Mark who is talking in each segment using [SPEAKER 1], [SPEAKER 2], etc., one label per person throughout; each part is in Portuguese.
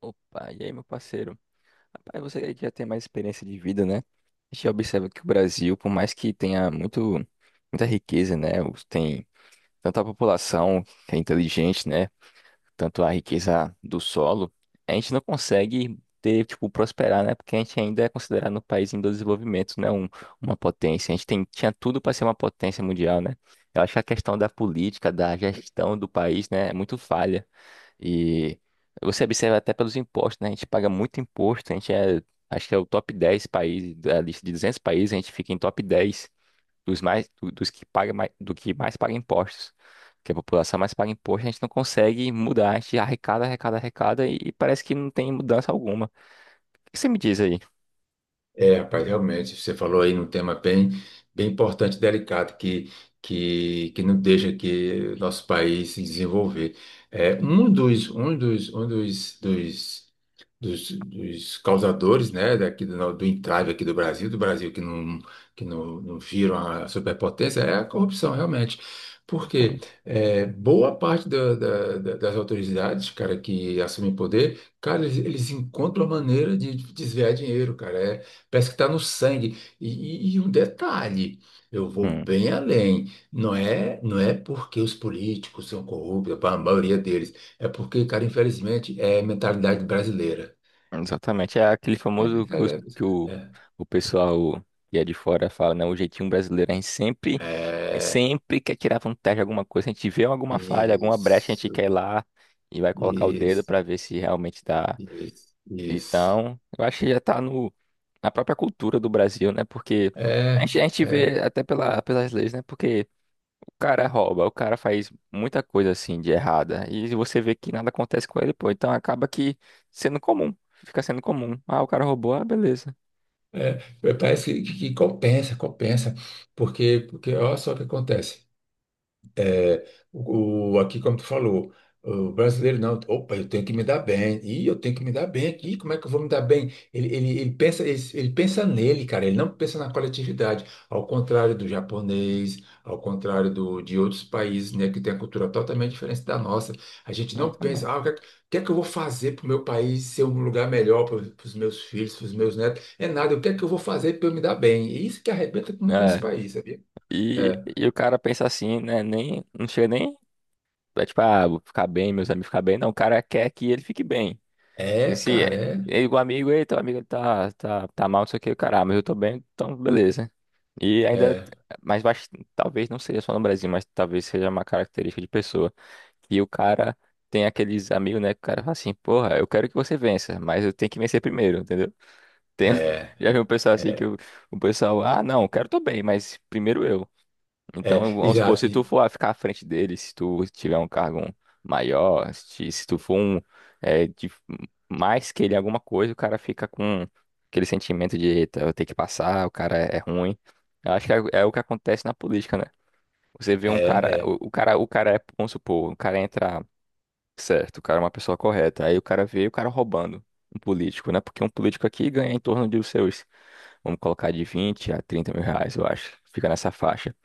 [SPEAKER 1] Opa, e aí, meu parceiro? Rapaz, você aí que já tem mais experiência de vida, né? A gente observa que o Brasil, por mais que tenha muito, muita riqueza, né? Tem tanta população que é inteligente, né? Tanto a riqueza do solo, a gente não consegue ter, tipo, prosperar, né? Porque a gente ainda é considerado um país em desenvolvimento, né? Uma potência. A gente tem, tinha tudo para ser uma potência mundial, né? Eu acho que a questão da política, da gestão do país, né? É muito falha. E você observa até pelos impostos, né? A gente paga muito imposto, a gente é, acho que é o top 10 país, da lista de 200 países, a gente fica em top 10 dos mais, dos que paga mais, do que mais paga impostos. Que a população mais paga imposto, a gente não consegue mudar, a gente arrecada, arrecada, arrecada e parece que não tem mudança alguma. O que você me diz aí?
[SPEAKER 2] É, rapaz, realmente, você falou aí num tema bem, bem importante, delicado, que não deixa que nosso país se desenvolver. É, um dos causadores, né, daqui do, do entrave aqui do Brasil que não viram a superpotência, é a corrupção, realmente.
[SPEAKER 1] Então,
[SPEAKER 2] Porque é, boa parte da- da- da- das autoridades, cara, que assumem poder, cara, eles encontram a maneira de desviar dinheiro, cara. É, parece que está no sangue. E, e um detalhe, eu vou
[SPEAKER 1] hum.
[SPEAKER 2] bem além. Não é porque os políticos são corruptos, a maioria deles. É porque, cara, infelizmente, é mentalidade brasileira.
[SPEAKER 1] Exatamente. É aquele
[SPEAKER 2] É
[SPEAKER 1] famoso que,
[SPEAKER 2] verdade.
[SPEAKER 1] que o,
[SPEAKER 2] É.
[SPEAKER 1] o pessoal que é de fora fala, né? O jeitinho brasileiro, a gente sempre,
[SPEAKER 2] É. É,
[SPEAKER 1] sempre quer tirar vantagem de alguma coisa. A gente vê alguma falha, alguma brecha, a gente quer
[SPEAKER 2] Isso,
[SPEAKER 1] ir lá e vai colocar o dedo
[SPEAKER 2] isso,
[SPEAKER 1] pra ver se realmente dá.
[SPEAKER 2] isso, isso.
[SPEAKER 1] Então, eu acho que já tá no, na própria cultura do Brasil, né? Porque a
[SPEAKER 2] É,
[SPEAKER 1] gente, a gente
[SPEAKER 2] é,
[SPEAKER 1] vê até pela, pelas leis, né? Porque cara rouba, o cara faz muita coisa assim de errada e você vê que nada acontece com ele, pô. Então acaba que sendo comum, fica sendo comum. Ah, o cara roubou, ah, beleza.
[SPEAKER 2] é. Parece que compensa, compensa, porque, porque olha só o que acontece. É, aqui, como tu falou, o brasileiro não, opa, eu tenho que me dar bem, e eu tenho que me dar bem aqui, como é que eu vou me dar bem? Ele pensa, ele pensa nele, cara, ele não pensa na coletividade, ao contrário do japonês, ao contrário do, de outros países, né, que tem a cultura totalmente diferente da nossa. A gente não pensa, ah,
[SPEAKER 1] Exatamente.
[SPEAKER 2] o que é que eu vou fazer para o meu país ser um lugar melhor para os meus filhos, para os meus netos? É nada, o que é que eu vou fazer para eu me dar bem? E isso que arrebenta com esse
[SPEAKER 1] É,
[SPEAKER 2] país, sabia?
[SPEAKER 1] e,
[SPEAKER 2] É,
[SPEAKER 1] e o cara pensa assim, né? Nem, não chega nem, é tipo, ah, vou ficar bem, meus amigos ficar bem. Não, o cara quer que ele fique bem. E
[SPEAKER 2] é
[SPEAKER 1] se
[SPEAKER 2] cara,
[SPEAKER 1] é,
[SPEAKER 2] é.
[SPEAKER 1] ele, o amigo, ei, teu amigo ele tá mal, não sei o que, o cara, ah, mas eu tô bem, então beleza. E ainda,
[SPEAKER 2] É.
[SPEAKER 1] mais eu talvez não seja só no Brasil, mas talvez seja uma característica de pessoa. E o cara tem aqueles amigos, né? Que o cara fala assim, porra, eu quero que você vença, mas eu tenho que vencer primeiro, entendeu? Tem,
[SPEAKER 2] É,
[SPEAKER 1] já vi um pessoal assim que
[SPEAKER 2] é,
[SPEAKER 1] o pessoal, ah, não, quero tu bem, mas primeiro eu. Então,
[SPEAKER 2] é,
[SPEAKER 1] vamos supor,
[SPEAKER 2] exato.
[SPEAKER 1] se tu for ficar à frente dele, se tu tiver um cargo maior, se tu for é, de- mais que ele em alguma coisa, o cara fica com aquele sentimento de, eita, eu tenho que passar, o cara é ruim. Eu acho que é o que acontece na política, né? Você vê
[SPEAKER 2] É,
[SPEAKER 1] um cara,
[SPEAKER 2] é,
[SPEAKER 1] o cara é, vamos supor, o cara entra certo, o cara é uma pessoa correta, aí o cara vê o cara roubando um político, né? Porque um político aqui ganha em torno de os seus, vamos colocar de 20 a 30 mil reais, eu acho, fica nessa faixa.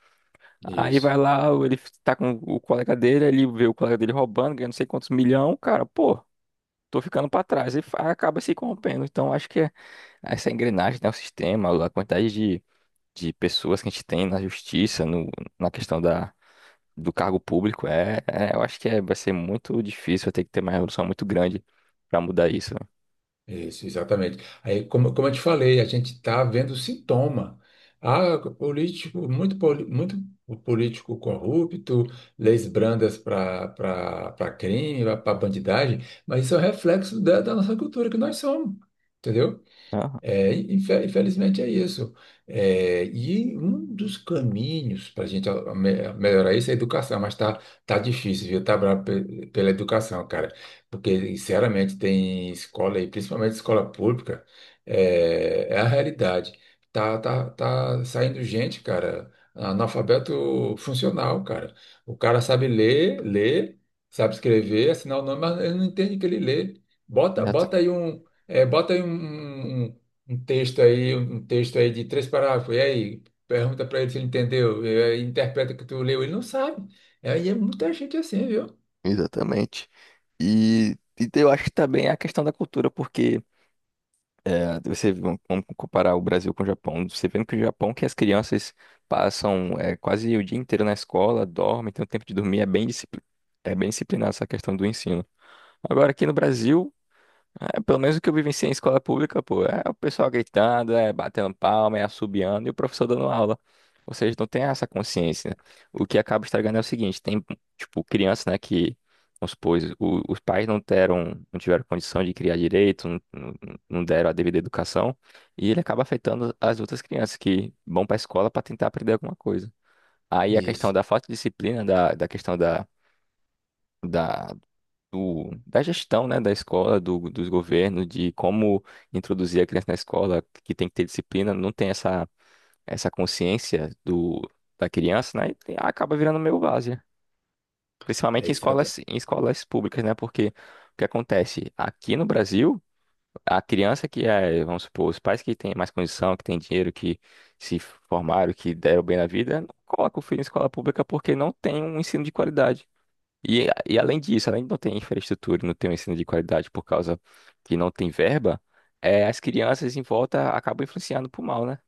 [SPEAKER 1] Aí
[SPEAKER 2] isso,
[SPEAKER 1] vai lá, ele tá com o colega dele, ele vê o colega dele roubando, ganhando não sei quantos milhão, cara, pô, tô ficando pra trás. E acaba se corrompendo. Então acho que é essa engrenagem, né, o sistema, a quantidade de pessoas que a gente tem na justiça, no, na questão da, do cargo público, eu acho que é, vai ser muito difícil, vai ter que ter uma revolução muito grande pra mudar isso, né?
[SPEAKER 2] isso, exatamente. Aí, como, como eu te falei, a gente está vendo sintoma. Ah, político, muito, muito político corrupto, leis brandas para crime, para bandidagem, mas isso é um reflexo da, da nossa cultura que nós somos, entendeu?
[SPEAKER 1] Aham,
[SPEAKER 2] É, infelizmente é isso. É, e um dos caminhos para a gente melhorar isso é a educação, mas tá, tá difícil, viu? Tá bravo pela educação, cara. Porque, sinceramente, tem escola aí, principalmente escola pública, é, é a realidade. Tá saindo gente, cara, analfabeto funcional, cara. O cara sabe ler, ler, sabe escrever, assinar o nome, mas ele não entende o que ele lê. Bota,
[SPEAKER 1] exata-
[SPEAKER 2] bota aí um. É, bota aí um texto aí, um texto aí de três parágrafos, e aí, pergunta para ele se ele entendeu, e aí interpreta o que tu leu, ele não sabe. E aí é muita gente assim, viu?
[SPEAKER 1] exatamente. E eu acho que também é a questão da cultura, porque. É, você, vamos comparar o Brasil com o Japão. Você vendo que o Japão, que as crianças passam é, quase o dia inteiro na escola, dormem, tem o tempo de dormir, é bem, é bem disciplinado essa questão do ensino. Agora, aqui no Brasil, é, pelo menos o que eu vivenciei em escola pública, pô, é o pessoal gritando, é batendo palma, é assobiando e o professor dando aula. Ou seja, não tem essa consciência, né? O que acaba estragando é o seguinte, tem, tipo, criança, né, que, vamos supor, os pais não deram, não tiveram condição de criar direito, não, não deram a devida educação, e ele acaba afetando as outras crianças que vão para a escola para tentar aprender alguma coisa. Aí a questão
[SPEAKER 2] Isso.
[SPEAKER 1] da falta de disciplina, da questão da da gestão, né, da escola, do, dos governos, de como introduzir a criança na escola, que tem que ter disciplina, não tem essa, consciência do, da criança, né, e acaba virando meio várzea.
[SPEAKER 2] É
[SPEAKER 1] Principalmente
[SPEAKER 2] exata,
[SPEAKER 1] em escolas públicas, né, porque o que acontece? Aqui no Brasil, a criança que é, vamos supor, os pais que têm mais condição, que têm dinheiro, que se formaram, que deram bem na vida, não coloca o filho em escola pública porque não tem um ensino de qualidade. E além disso, além de não ter infraestrutura, e não ter um ensino de qualidade por causa que não tem verba, é, as crianças em volta acabam influenciando pro mal, né?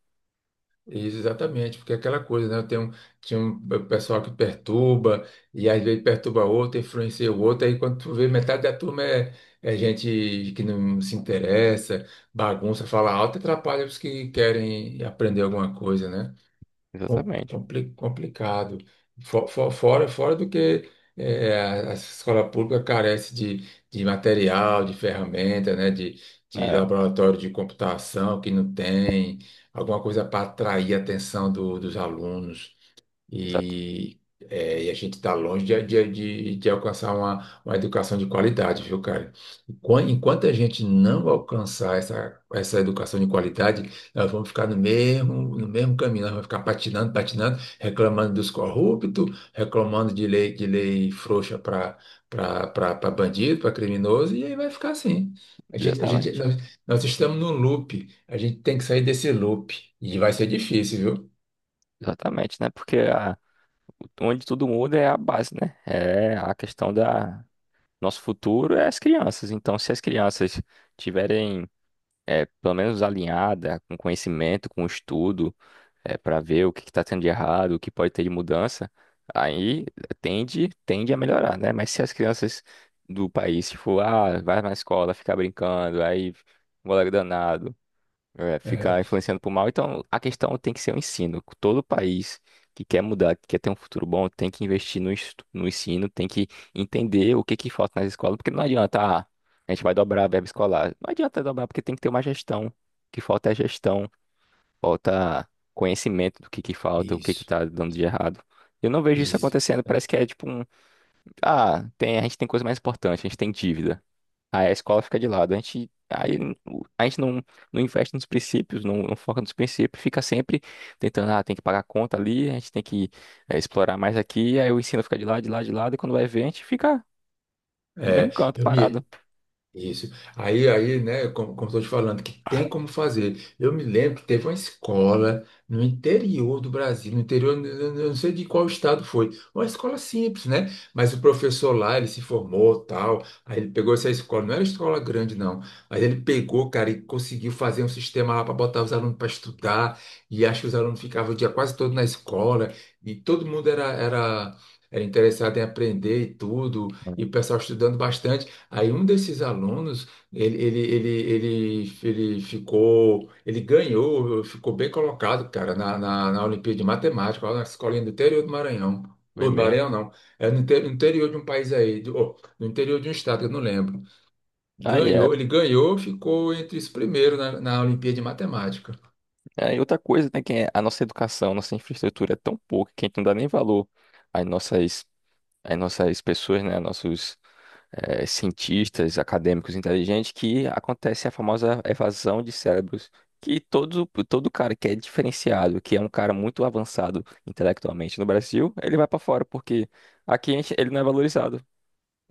[SPEAKER 2] isso exatamente, porque é aquela coisa, né? Tem um, tinha um pessoal que perturba, e às vezes perturba outro, influencia o outro, aí quando tu vê, metade da turma é, é gente que não se interessa, bagunça, fala alto, e atrapalha os que querem aprender alguma coisa, né?
[SPEAKER 1] Exatamente.
[SPEAKER 2] Complicado. Fora fora do que a escola pública carece de material, de ferramenta, né? De
[SPEAKER 1] É,
[SPEAKER 2] laboratório de computação que não tem, alguma coisa para atrair a atenção dos alunos.
[SPEAKER 1] exata-
[SPEAKER 2] E, é, e a gente está longe de alcançar uma educação de qualidade, viu, cara? Enquanto a gente não alcançar essa, essa educação de qualidade, nós vamos ficar no mesmo, no mesmo caminho, nós vamos ficar patinando, patinando, reclamando dos corruptos, reclamando de lei frouxa para bandido, para criminoso, e aí vai ficar assim.
[SPEAKER 1] exatamente.
[SPEAKER 2] Nós, nós estamos num loop, a gente tem que sair desse loop, e vai ser difícil, viu?
[SPEAKER 1] Exatamente, né? Porque onde tudo muda é a base, né? É a questão da nosso futuro é as crianças. Então, se as crianças tiverem é, pelo menos alinhada com conhecimento, com estudo, é, para ver o que está tendo de errado, o que pode ter de mudança, aí tende a melhorar, né? Mas se as crianças do país, tipo, ah, vai na escola, ficar brincando, aí um moleque danado, é,
[SPEAKER 2] É,
[SPEAKER 1] ficar influenciando pro mal, então a questão tem que ser o ensino. Todo país que quer mudar, que quer ter um futuro bom, tem que investir no ensino, tem que entender o que que falta nas escolas, porque não adianta, ah, a gente vai dobrar a verba escolar. Não adianta dobrar, porque tem que ter uma gestão. O que falta é a gestão. Falta conhecimento do que falta, o que que
[SPEAKER 2] isso.
[SPEAKER 1] tá dando de errado. Eu não vejo isso
[SPEAKER 2] Isso.
[SPEAKER 1] acontecendo, parece que é tipo um, ah, tem, a gente tem coisa mais importante, a gente tem dívida. Aí a escola fica de lado, a gente, aí, a gente não investe nos princípios, não foca nos princípios, fica sempre tentando, ah, tem que pagar a conta ali, a gente tem que eh, explorar mais aqui, aí o ensino fica de lado, de lado, de lado, e quando vai ver, a gente fica no mesmo
[SPEAKER 2] É,
[SPEAKER 1] canto,
[SPEAKER 2] eu
[SPEAKER 1] parado.
[SPEAKER 2] me, Isso. Aí, aí, né, como, como estou te falando, que tem como fazer. Eu me lembro que teve uma escola no interior do Brasil, no interior, eu não sei de qual estado foi, uma escola simples, né? Mas o professor lá, ele se formou, tal, aí ele pegou essa escola, não era escola grande, não, mas ele pegou, cara, e conseguiu fazer um sistema lá para botar os alunos para estudar, e acho que os alunos ficavam o dia quase todo na escola, e todo mundo era, era, era interessado em aprender e tudo, e o pessoal estudando bastante. Aí um desses alunos, ele, ele, ele, ele ficou, ele ganhou, ficou bem colocado, cara, na Olimpíada de Matemática, lá na escolinha do interior do Maranhão.
[SPEAKER 1] Foi
[SPEAKER 2] Ou do
[SPEAKER 1] mesmo.
[SPEAKER 2] Maranhão, não. É no no interior de um país aí, do, oh, no interior de um estado, que eu não lembro.
[SPEAKER 1] Aí é.
[SPEAKER 2] Ganhou, ele ganhou, ficou entre os primeiros na Olimpíada de Matemática.
[SPEAKER 1] É, e outra coisa, né, que é a nossa educação, nossa infraestrutura é tão pouca que a gente não dá nem valor às nossas, às nossas pessoas, né, nossos eh, cientistas, acadêmicos inteligentes, que acontece a famosa evasão de cérebros, que todo, todo cara que é diferenciado, que é um cara muito avançado intelectualmente no Brasil, ele vai para fora, porque aqui ele não é valorizado.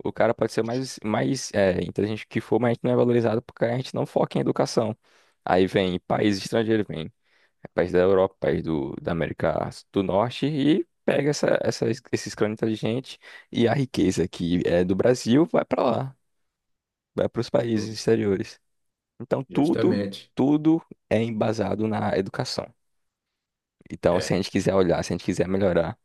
[SPEAKER 1] O cara pode ser mais, mais eh, inteligente que for, mas a gente não é valorizado porque a gente não foca em educação. Aí vem países estrangeiros, vem. É país da Europa, país do, da América do Norte e pega essa, esses crânios inteligentes e a riqueza que é do Brasil vai para lá, vai para os países
[SPEAKER 2] Just-
[SPEAKER 1] exteriores. Então tudo,
[SPEAKER 2] Justamente.
[SPEAKER 1] tudo é embasado na educação. Então, se a
[SPEAKER 2] É,
[SPEAKER 1] gente quiser olhar, se a gente quiser melhorar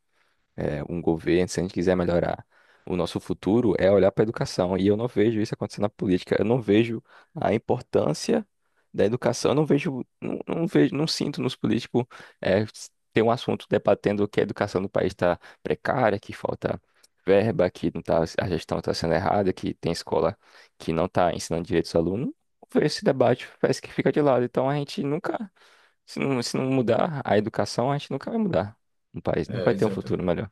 [SPEAKER 1] é, um governo, se a gente quiser melhorar o nosso futuro, é olhar para a educação. E eu não vejo isso acontecendo na política. Eu não vejo a importância da educação. Eu não vejo, não, não vejo, não sinto nos políticos é, ter um assunto debatendo que a educação do país está precária, que falta verba, que não tá, a gestão está sendo errada, que tem escola que não está ensinando direitos aos alunos. Não vejo. Esse debate parece que fica de lado. Então a gente nunca, se não mudar a educação, a gente nunca vai mudar no país, nunca vai ter um
[SPEAKER 2] exato.
[SPEAKER 1] futuro melhor.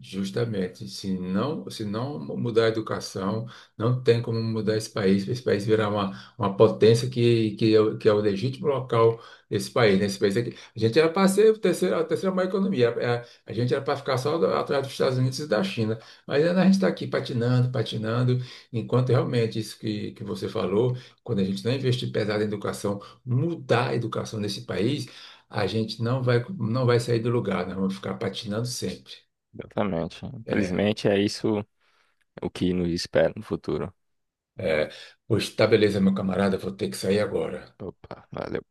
[SPEAKER 2] Justamente, se não mudar a educação, não tem como mudar esse país virar uma potência é, que é o legítimo local desse país, né? Esse país aqui, a gente era para ser o terceiro a terceira maior economia, a gente era para ficar só atrás dos Estados Unidos e da China, mas ainda a gente está aqui patinando, patinando, enquanto realmente isso que você falou, quando a gente não investir pesado em educação, mudar a educação desse país, a gente não vai, não vai sair do lugar, nós vamos ficar patinando sempre.
[SPEAKER 1] Exatamente.
[SPEAKER 2] É.
[SPEAKER 1] Infelizmente é isso o que nos espera no futuro.
[SPEAKER 2] É, pois tá, beleza, meu camarada, vou ter que sair agora.
[SPEAKER 1] Opa, valeu.